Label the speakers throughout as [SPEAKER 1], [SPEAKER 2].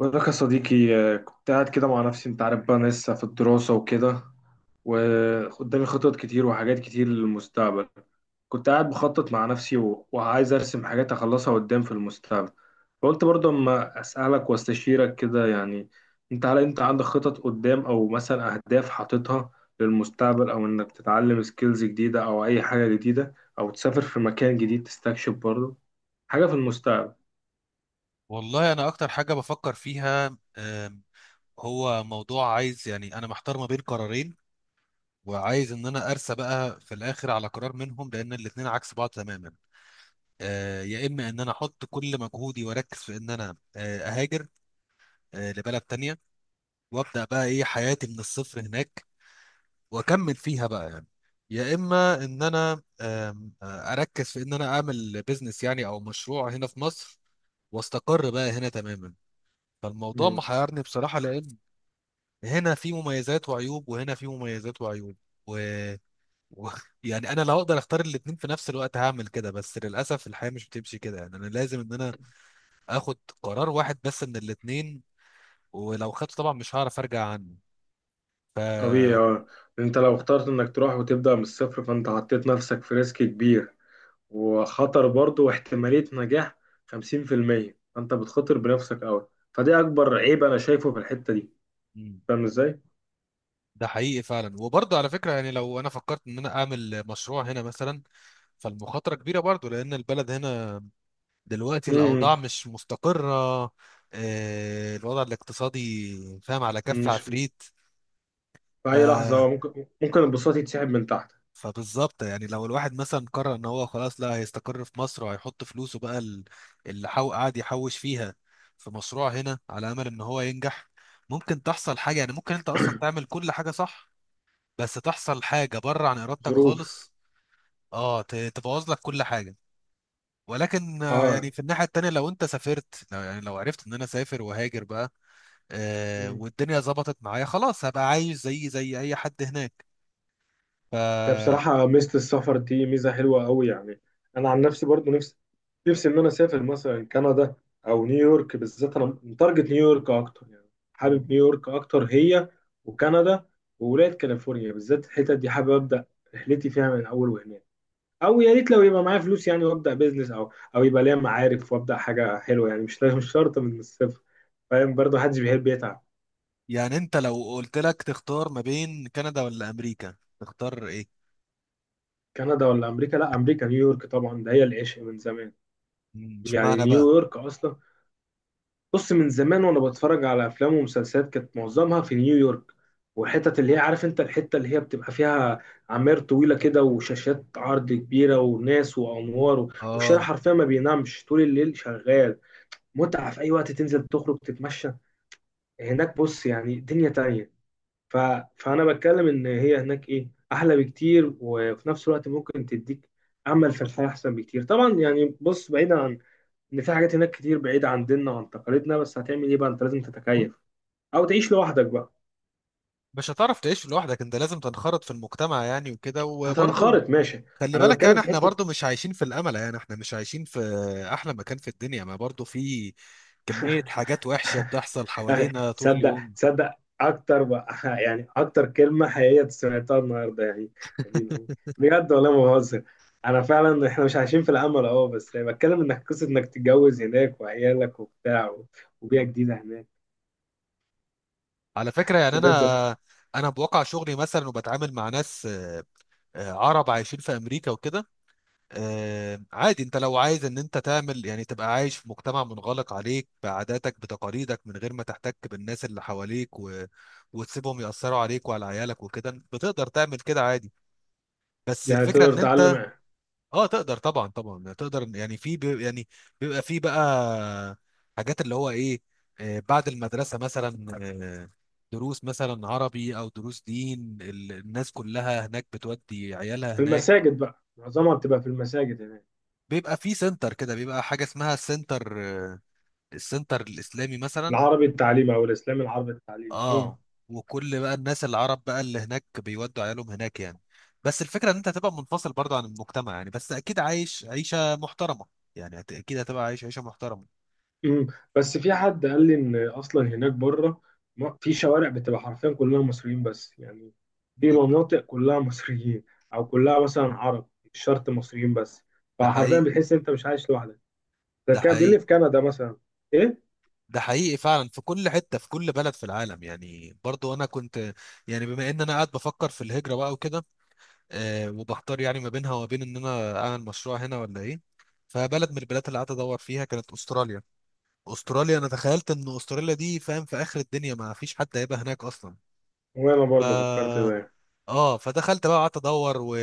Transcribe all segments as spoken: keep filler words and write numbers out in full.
[SPEAKER 1] بقول لك يا صديقي، آه، كنت قاعد كده مع نفسي. انت عارف بقى انا لسه في الدراسة وكده، وقدامي خطط كتير وحاجات كتير للمستقبل. كنت قاعد بخطط مع نفسي، و- وعايز ارسم حاجات اخلصها قدام في المستقبل. فقلت برضه اما اسألك واستشيرك كده يعني. انت هل انت عندك خطط قدام، او مثلا اهداف حاططها للمستقبل، او انك تتعلم سكيلز جديدة او اي حاجة جديدة، او تسافر في مكان جديد تستكشف برضه حاجة في المستقبل؟
[SPEAKER 2] والله انا اكتر حاجه بفكر فيها آم، هو موضوع، عايز يعني انا محتار ما بين قرارين، وعايز ان انا ارسى بقى في الاخر على قرار منهم، لان الاتنين عكس بعض تماما. آه، يا اما ان انا احط كل مجهودي واركز في ان انا آه، اهاجر آه، لبلد تانية، وابدا بقى ايه حياتي من الصفر هناك، واكمل فيها بقى يعني. يا اما ان انا آم، آه، اركز في ان انا اعمل بيزنس يعني، او مشروع هنا في مصر، واستقر بقى هنا تماما. فالموضوع محيرني بصراحة، لأن هنا في مميزات وعيوب، وهنا في مميزات وعيوب، و... و... يعني انا لو اقدر اختار الاتنين في نفس الوقت هعمل كده، بس للاسف الحياه مش بتمشي كده، يعني انا لازم ان انا اخد قرار واحد بس من الاتنين. ولو خدته طبعا مش هعرف ارجع عنه. ف
[SPEAKER 1] طبيعي اه. انت لو اخترت انك تروح وتبدأ من الصفر، فانت حطيت نفسك في ريسك كبير وخطر، برضه واحتمالية نجاح خمسين في المية، فانت بتخاطر بنفسك قوي، فده اكبر عيب انا شايفه في الحتة دي.
[SPEAKER 2] مم.
[SPEAKER 1] فاهم ازاي؟
[SPEAKER 2] ده حقيقي فعلا، وبرضه على فكره يعني لو انا فكرت ان انا اعمل مشروع هنا مثلا، فالمخاطره كبيره برضه، لان البلد هنا دلوقتي
[SPEAKER 1] مم،
[SPEAKER 2] الاوضاع مش مستقره. آه، الوضع الاقتصادي فاهم على كف
[SPEAKER 1] مش في
[SPEAKER 2] عفريت. ف
[SPEAKER 1] اي لحظة ممكن ممكن البساط يتسحب من تحت.
[SPEAKER 2] فبالظبط، يعني لو الواحد مثلا قرر ان هو خلاص، لا، هيستقر في مصر وهيحط فلوسه بقى ال- اللي حو... قاعد يحوش فيها في مشروع هنا على امل ان هو ينجح، ممكن تحصل حاجه. يعني ممكن انت اصلا تعمل كل حاجه صح، بس تحصل حاجه بره عن ارادتك
[SPEAKER 1] ظروف.
[SPEAKER 2] خالص. اه، ت- تبوظ لك كل حاجه. ولكن آه،
[SPEAKER 1] اه،
[SPEAKER 2] يعني في الناحيه التانيه، لو انت سافرت، لو يعني لو عرفت ان انا سافر وهاجر بقى، آه، والدنيا ظبطت معايا خلاص، هبقى عايش زي زي اي حد هناك.
[SPEAKER 1] هي
[SPEAKER 2] ف
[SPEAKER 1] بصراحة ميزة السفر دي ميزة حلوة أوي يعني. أنا عن نفسي برضو نفسي نفسي إن أنا أسافر مثلا كندا أو نيويورك. بالذات أنا متارجت نيويورك أكتر يعني. حابب نيويورك أكتر، هي وكندا وولاية كاليفورنيا. بالذات الحتت دي حابب أبدأ رحلتي فيها من أول وهناك. أو يا ريت لو يبقى معايا فلوس يعني، وأبدأ بيزنس، أو أو يبقى ليا معارف وأبدأ حاجة حلوة يعني. مش مش شرط من الصفر. فاهم؟ برضو محدش بيحب يتعب.
[SPEAKER 2] يعني انت لو قلت لك تختار ما بين كندا ولا امريكا، تختار ايه؟
[SPEAKER 1] كندا ولا أمريكا؟ لا، أمريكا، نيويورك طبعا، ده هي العشق من زمان.
[SPEAKER 2] مم،
[SPEAKER 1] يعني
[SPEAKER 2] اشمعنى بقى؟
[SPEAKER 1] نيويورك أصلا، بص، من زمان وانا بتفرج على افلام ومسلسلات كانت معظمها في نيويورك. والحتت اللي هي عارف انت الحته اللي هي بتبقى فيها عماير طويله كده وشاشات عرض كبيره وناس وانوار، والشارع
[SPEAKER 2] اه
[SPEAKER 1] حرفيا ما بينامش طول الليل، شغال. متعه، في اي وقت تنزل تخرج تتمشى هناك. بص يعني، دنيا تانية. ف... فانا بتكلم ان هي هناك ايه احلى بكتير، وفي نفس الوقت ممكن تديك امل في الحياه احسن بكتير طبعا يعني. بص، بعيدا عن ان في حاجات هناك كتير بعيدة عن ديننا وعن تقاليدنا، بس هتعمل ايه بقى؟ انت لازم تتكيف او تعيش لوحدك بقى.
[SPEAKER 2] مش هتعرف تعيش لوحدك، انت لازم تنخرط في المجتمع يعني وكده، وبرضه
[SPEAKER 1] هتنخرط، ماشي.
[SPEAKER 2] خلي
[SPEAKER 1] انا
[SPEAKER 2] بالك،
[SPEAKER 1] بتكلم
[SPEAKER 2] يعني
[SPEAKER 1] في
[SPEAKER 2] احنا
[SPEAKER 1] حتة.
[SPEAKER 2] برضه مش عايشين في الامل، يعني احنا مش عايشين في احلى مكان في الدنيا، ما برضه في كمية حاجات وحشة بتحصل
[SPEAKER 1] يا أخي،
[SPEAKER 2] حوالينا طول
[SPEAKER 1] تصدق
[SPEAKER 2] اليوم.
[SPEAKER 1] تصدق اكتر بقى. يعني اكتر كلمة حقيقية سمعتها النهاردة يعني. يا دين امي، بجد والله ما بهزر. انا فعلا احنا مش عايشين في الامل، اه، بس بتكلم انك قصة انك تتجوز هناك وعيالك وبتاع، و- وبيئة
[SPEAKER 2] مم.
[SPEAKER 1] جديدة هناك.
[SPEAKER 2] على فكرة
[SPEAKER 1] بس
[SPEAKER 2] يعني
[SPEAKER 1] بجد.
[SPEAKER 2] انا انا بواقع شغلي مثلا، وبتعامل مع ناس آه، آه، عرب عايشين في امريكا وكده. آه، عادي، انت لو عايز ان انت تعمل، يعني تبقى عايش في مجتمع منغلق عليك بعاداتك بتقاليدك، من غير ما تحتك بالناس اللي حواليك و... وتسيبهم يأثروا عليك وعلى عيالك وكده، بتقدر تعمل كده عادي. بس
[SPEAKER 1] يعني
[SPEAKER 2] الفكرة
[SPEAKER 1] تقدر
[SPEAKER 2] ان
[SPEAKER 1] تتعلم.
[SPEAKER 2] انت اه تقدر، طبعا طبعا تقدر، يعني في بي... يعني بيبقى في بقى حاجات اللي هو ايه، آه، بعد المدرسة مثلا، آه، دروس مثلا عربي او دروس دين، ال- الناس كلها هناك بتودي عيالها
[SPEAKER 1] في
[SPEAKER 2] هناك.
[SPEAKER 1] المساجد بقى، معظمها بتبقى في المساجد هناك.
[SPEAKER 2] بيبقى في سنتر كده، بيبقى حاجة اسمها السنتر، آه، السنتر الإسلامي مثلا.
[SPEAKER 1] العربي التعليمي او الاسلامي، العربي التعليمي اه.
[SPEAKER 2] اه، وكل بقى الناس العرب بقى اللي هناك بيودوا عيالهم هناك يعني. بس الفكرة ان انت هتبقى منفصل برضه عن المجتمع، يعني بس اكيد عايش عيشة محترمة، يعني هت- اكيد هتبقى عايش عيشة محترمة.
[SPEAKER 1] مم. بس في حد قال لي ان اصلا هناك بره، ما- في شوارع بتبقى حرفيا كلها مصريين بس يعني. في
[SPEAKER 2] مم.
[SPEAKER 1] مناطق كلها مصريين، او كلها مثلا عرب، مش شرط مصريين بس.
[SPEAKER 2] ده
[SPEAKER 1] فحرفيا
[SPEAKER 2] حقيقي.
[SPEAKER 1] بتحس انت مش عايش لوحدك. ده
[SPEAKER 2] ده
[SPEAKER 1] كان بيقول لي
[SPEAKER 2] حقيقي.
[SPEAKER 1] في كندا مثلا. ايه،
[SPEAKER 2] ده حقيقي فعلا، في كل حتة في كل بلد في العالم يعني. برضو انا كنت يعني بما ان انا قاعد بفكر في الهجرة بقى وكده، آه، وبحتار يعني ما بينها وما بين ان انا اعمل مشروع هنا ولا ايه. فبلد من البلاد اللي قعدت ادور فيها كانت استراليا. استراليا، انا تخيلت ان استراليا دي فاهم في اخر الدنيا، ما فيش حد هيبقى هناك اصلا.
[SPEAKER 1] وانا برضه فكرت
[SPEAKER 2] ف
[SPEAKER 1] ده.
[SPEAKER 2] اه، فدخلت بقى قعدت ادور و...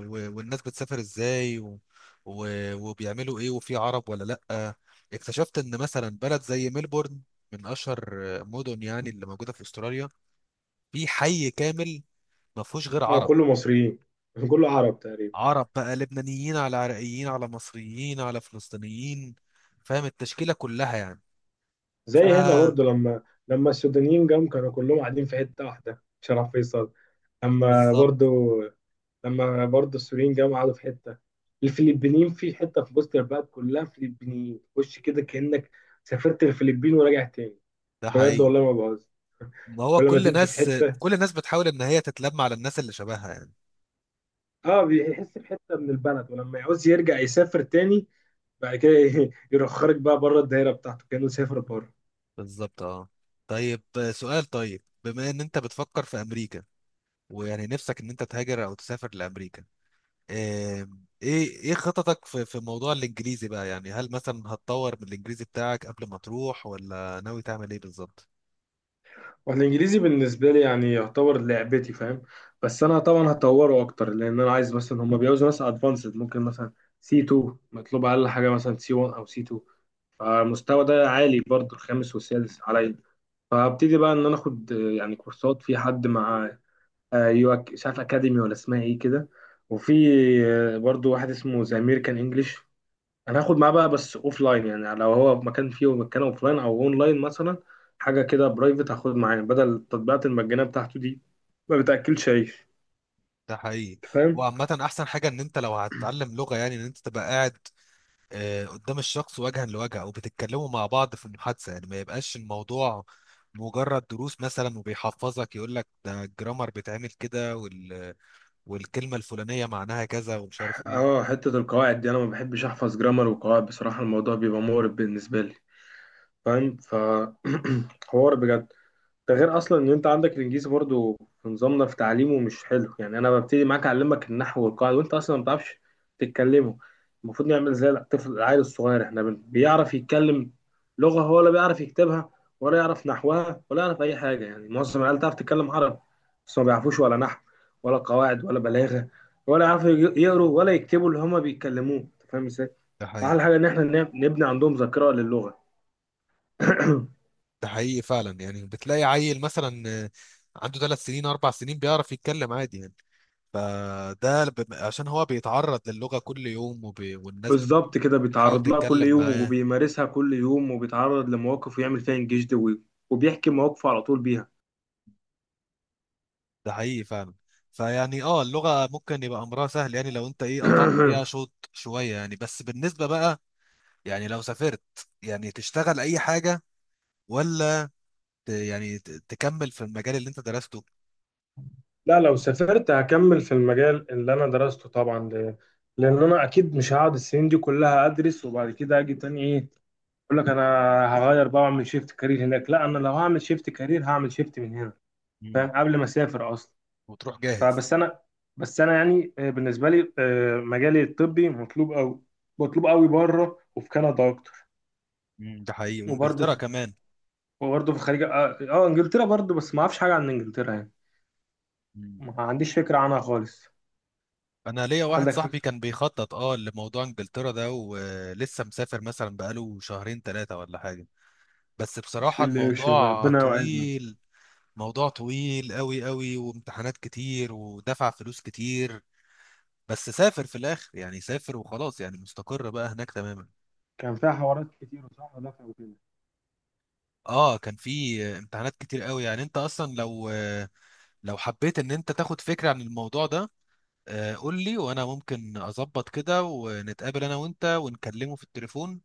[SPEAKER 2] و... والناس بتسافر ازاي و... و... وبيعملوا ايه، وفي عرب ولا لا. اكتشفت ان مثلا بلد زي ملبورن، من اشهر مدن يعني اللي موجوده في استراليا، في حي كامل ما فيهوش غير
[SPEAKER 1] اه،
[SPEAKER 2] عرب.
[SPEAKER 1] كله مصريين، كله عرب تقريبا.
[SPEAKER 2] عرب بقى، لبنانيين على عراقيين على مصريين على فلسطينيين، فاهم التشكيلة كلها يعني. ف
[SPEAKER 1] زي هنا برضه، لما لما السودانيين جم كانوا كلهم قاعدين في حته واحده، شرف فيصل. لما
[SPEAKER 2] بالظبط.
[SPEAKER 1] برضه لما برضه السوريين جم قعدوا في حته. الفلبينيين في حته في وسط البلد، كلها فلبينيين، خش كده كانك سافرت الفلبين وراجع تاني.
[SPEAKER 2] ده
[SPEAKER 1] بجد
[SPEAKER 2] حقيقي.
[SPEAKER 1] والله ما بهزر.
[SPEAKER 2] ما هو
[SPEAKER 1] ولما
[SPEAKER 2] كل
[SPEAKER 1] تمشي في
[SPEAKER 2] ناس،
[SPEAKER 1] حته،
[SPEAKER 2] كل الناس بتحاول ان هي تتلم على الناس اللي شبهها يعني.
[SPEAKER 1] اه، بيحس بحته من البلد، ولما يعوز يرجع يسافر تاني بعد كده يرخرك بقى بره الدايره بتاعته كانه سافر بره.
[SPEAKER 2] بالظبط اه. طيب آه، سؤال، طيب بما ان انت بتفكر في امريكا، ويعني نفسك ان انت تهاجر او تسافر لامريكا، آم، ايه ايه خططك في في موضوع الانجليزي بقى، يعني هل مثلا هتطور من الانجليزي بتاعك قبل ما تروح، ولا ناوي تعمل ايه بالظبط؟
[SPEAKER 1] والانجليزي بالنسبه لي يعني يعتبر لعبتي، فاهم؟ بس انا طبعا هطوره اكتر، لان انا عايز مثلا، هم بيعوزوا ناس ادفانسد، ممكن مثلا سي تو مطلوب، اقل حاجه مثلا سي واحد او سي تو. فالمستوى ده عالي برضه، الخامس والسادس عليا. فابتدي بقى ان انا اخد آه، يعني كورسات في حد، مع آه، يو أك- مش عارف اكاديمي ولا اسمها ايه كده. وفي آه، برضه واحد اسمه ذا امريكان انجلش، انا هاخد معاه بقى، بس اوف لاين. يعني لو هو مكان فيه مكان اوف لاين او اون لاين مثلا، حاجه كده برايفت، هاخد معاه بدل التطبيقات المجانيه بتاعته دي ما بتاكلش عيش.
[SPEAKER 2] ده حقيقي.
[SPEAKER 1] أنت فاهم؟
[SPEAKER 2] وعامة أحسن حاجة إن أنت لو هتتعلم لغة، يعني إن أنت تبقى قاعد آه، قدام الشخص وجها لوجه، أو بتتكلموا مع بعض في المحادثة، يعني ما يبقاش الموضوع مجرد دروس مثلا وبيحفظك يقول لك ده الجرامر بيتعمل كده، وال... والكلمة الفلانية معناها كذا ومش عارف إيه.
[SPEAKER 1] اه، حته القواعد دي انا ما بحبش احفظ جرامر وقواعد، بصراحه الموضوع بيبقى مقرف بالنسبه لي، فاهم؟ فحوار، بجد. ده غير اصلا ان انت عندك الانجليزي برضو في نظامنا في تعليمه مش حلو، يعني انا ببتدي معاك اعلمك النحو والقواعد وانت اصلا ما بتعرفش تتكلمه. المفروض نعمل زي الطفل العيل الصغير، احنا بن- بيعرف يتكلم لغة هو ولا بيعرف يكتبها؟ ولا يعرف نحوها ولا يعرف اي حاجة. يعني معظم العيال تعرف تتكلم عربي بس ما بيعرفوش ولا نحو ولا قواعد ولا بلاغة، ولا يعرفوا يج- يقروا ولا يكتبوا اللي هما بيتكلموه. انت فاهم ازاي؟
[SPEAKER 2] ده حقيقي.
[SPEAKER 1] احلى حاجة ان احنا نب- نبني عندهم ذاكرة للغة.
[SPEAKER 2] ده حقيقي فعلا، يعني بتلاقي عيل مثلا آه، عنده ثلاث سنين أربع سنين بيعرف يتكلم عادي يعني. فده ب- عشان هو بيتعرض للغة كل يوم وب... والناس
[SPEAKER 1] بالظبط كده،
[SPEAKER 2] بتحاول
[SPEAKER 1] بيتعرض لها كل
[SPEAKER 2] تتكلم
[SPEAKER 1] يوم
[SPEAKER 2] معاه.
[SPEAKER 1] وبيمارسها كل يوم وبيتعرض لمواقف ويعمل فيها انجاز دوي، وبيحكي مواقفه على طول بيها.
[SPEAKER 2] ده حقيقي فعلا. فيعني اه اللغة ممكن يبقى أمرها سهل، يعني لو أنت إيه قطعت فيها شوط شوية يعني، بس بالنسبة بقى يعني لو سافرت، يعني تشتغل أي حاجة، ولا ت- يعني ت- تكمل في المجال اللي أنت درسته؟
[SPEAKER 1] لا، لو سافرت هكمل في المجال اللي انا درسته طبعا. ل... لان انا اكيد مش هقعد السنين دي كلها ادرس وبعد كده اجي تاني، ايه، اقول لك انا هغير بقى واعمل شيفت كارير هناك. لا، انا لو هعمل شيفت كارير هعمل شيفت من هنا،
[SPEAKER 2] امم
[SPEAKER 1] فاهم؟ قبل ما اسافر اصلا.
[SPEAKER 2] وتروح جاهز.
[SPEAKER 1] فبس انا بس انا يعني، آه، بالنسبه لي آه، مجالي الطبي مطلوب قوي، مطلوب قوي بره، وفي كندا اكتر.
[SPEAKER 2] امم ده حقيقي،
[SPEAKER 1] وبرضه
[SPEAKER 2] وإنجلترا
[SPEAKER 1] في
[SPEAKER 2] كمان.
[SPEAKER 1] وبرضه في الخليج، اه، آه، انجلترا برضه، بس ما اعرفش حاجه عن انجلترا يعني،
[SPEAKER 2] امم
[SPEAKER 1] ما عنديش فكره عنها خالص.
[SPEAKER 2] أنا ليا واحد
[SPEAKER 1] عندك
[SPEAKER 2] صاحبي
[SPEAKER 1] فكره.
[SPEAKER 2] كان بيخطط اه لموضوع إنجلترا ده، ولسه مسافر مثلا بقاله شهرين ثلاثة ولا حاجة. بس
[SPEAKER 1] بسم
[SPEAKER 2] بصراحة
[SPEAKER 1] الله ما شاء الله،
[SPEAKER 2] الموضوع
[SPEAKER 1] ربنا يوعدنا.
[SPEAKER 2] طويل، موضوع طويل قوي قوي وامتحانات كتير ودفع فلوس كتير، بس سافر في الاخر يعني، سافر وخلاص يعني مستقر بقى هناك تماما.
[SPEAKER 1] كان فيها حوارات كتير وصح ودفع وكده.
[SPEAKER 2] اه، كان في امتحانات كتير قوي، يعني انت اصلا لو لو حبيت ان انت تاخد فكرة عن الموضوع ده، آه، قول لي، وانا ممكن اظبط كده، ونتقابل انا وانت ونكلمه في التليفون،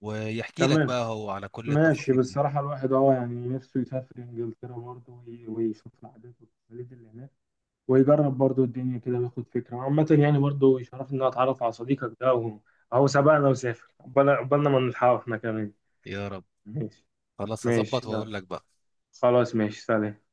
[SPEAKER 2] ويحكي لك
[SPEAKER 1] تمام،
[SPEAKER 2] بقى هو على كل
[SPEAKER 1] ماشي.
[SPEAKER 2] التفاصيل دي.
[SPEAKER 1] بصراحة الواحد اه يعني نفسه يسافر انجلترا برضه، وي- ويشوف العادات والتقاليد اللي هناك، ويجرب برضه الدنيا كده وياخد فكرة عامة يعني. برضه يشرفني ان أنا اتعرف على صديقك ده، وهو اهو سبقنا وسافر قبلنا، قبلنا ما نلحقه احنا كمان.
[SPEAKER 2] يا رب.
[SPEAKER 1] ماشي.
[SPEAKER 2] خلاص هظبط
[SPEAKER 1] ماشي، يلا،
[SPEAKER 2] واقول لك بقى.
[SPEAKER 1] خلاص، ماشي، سلام.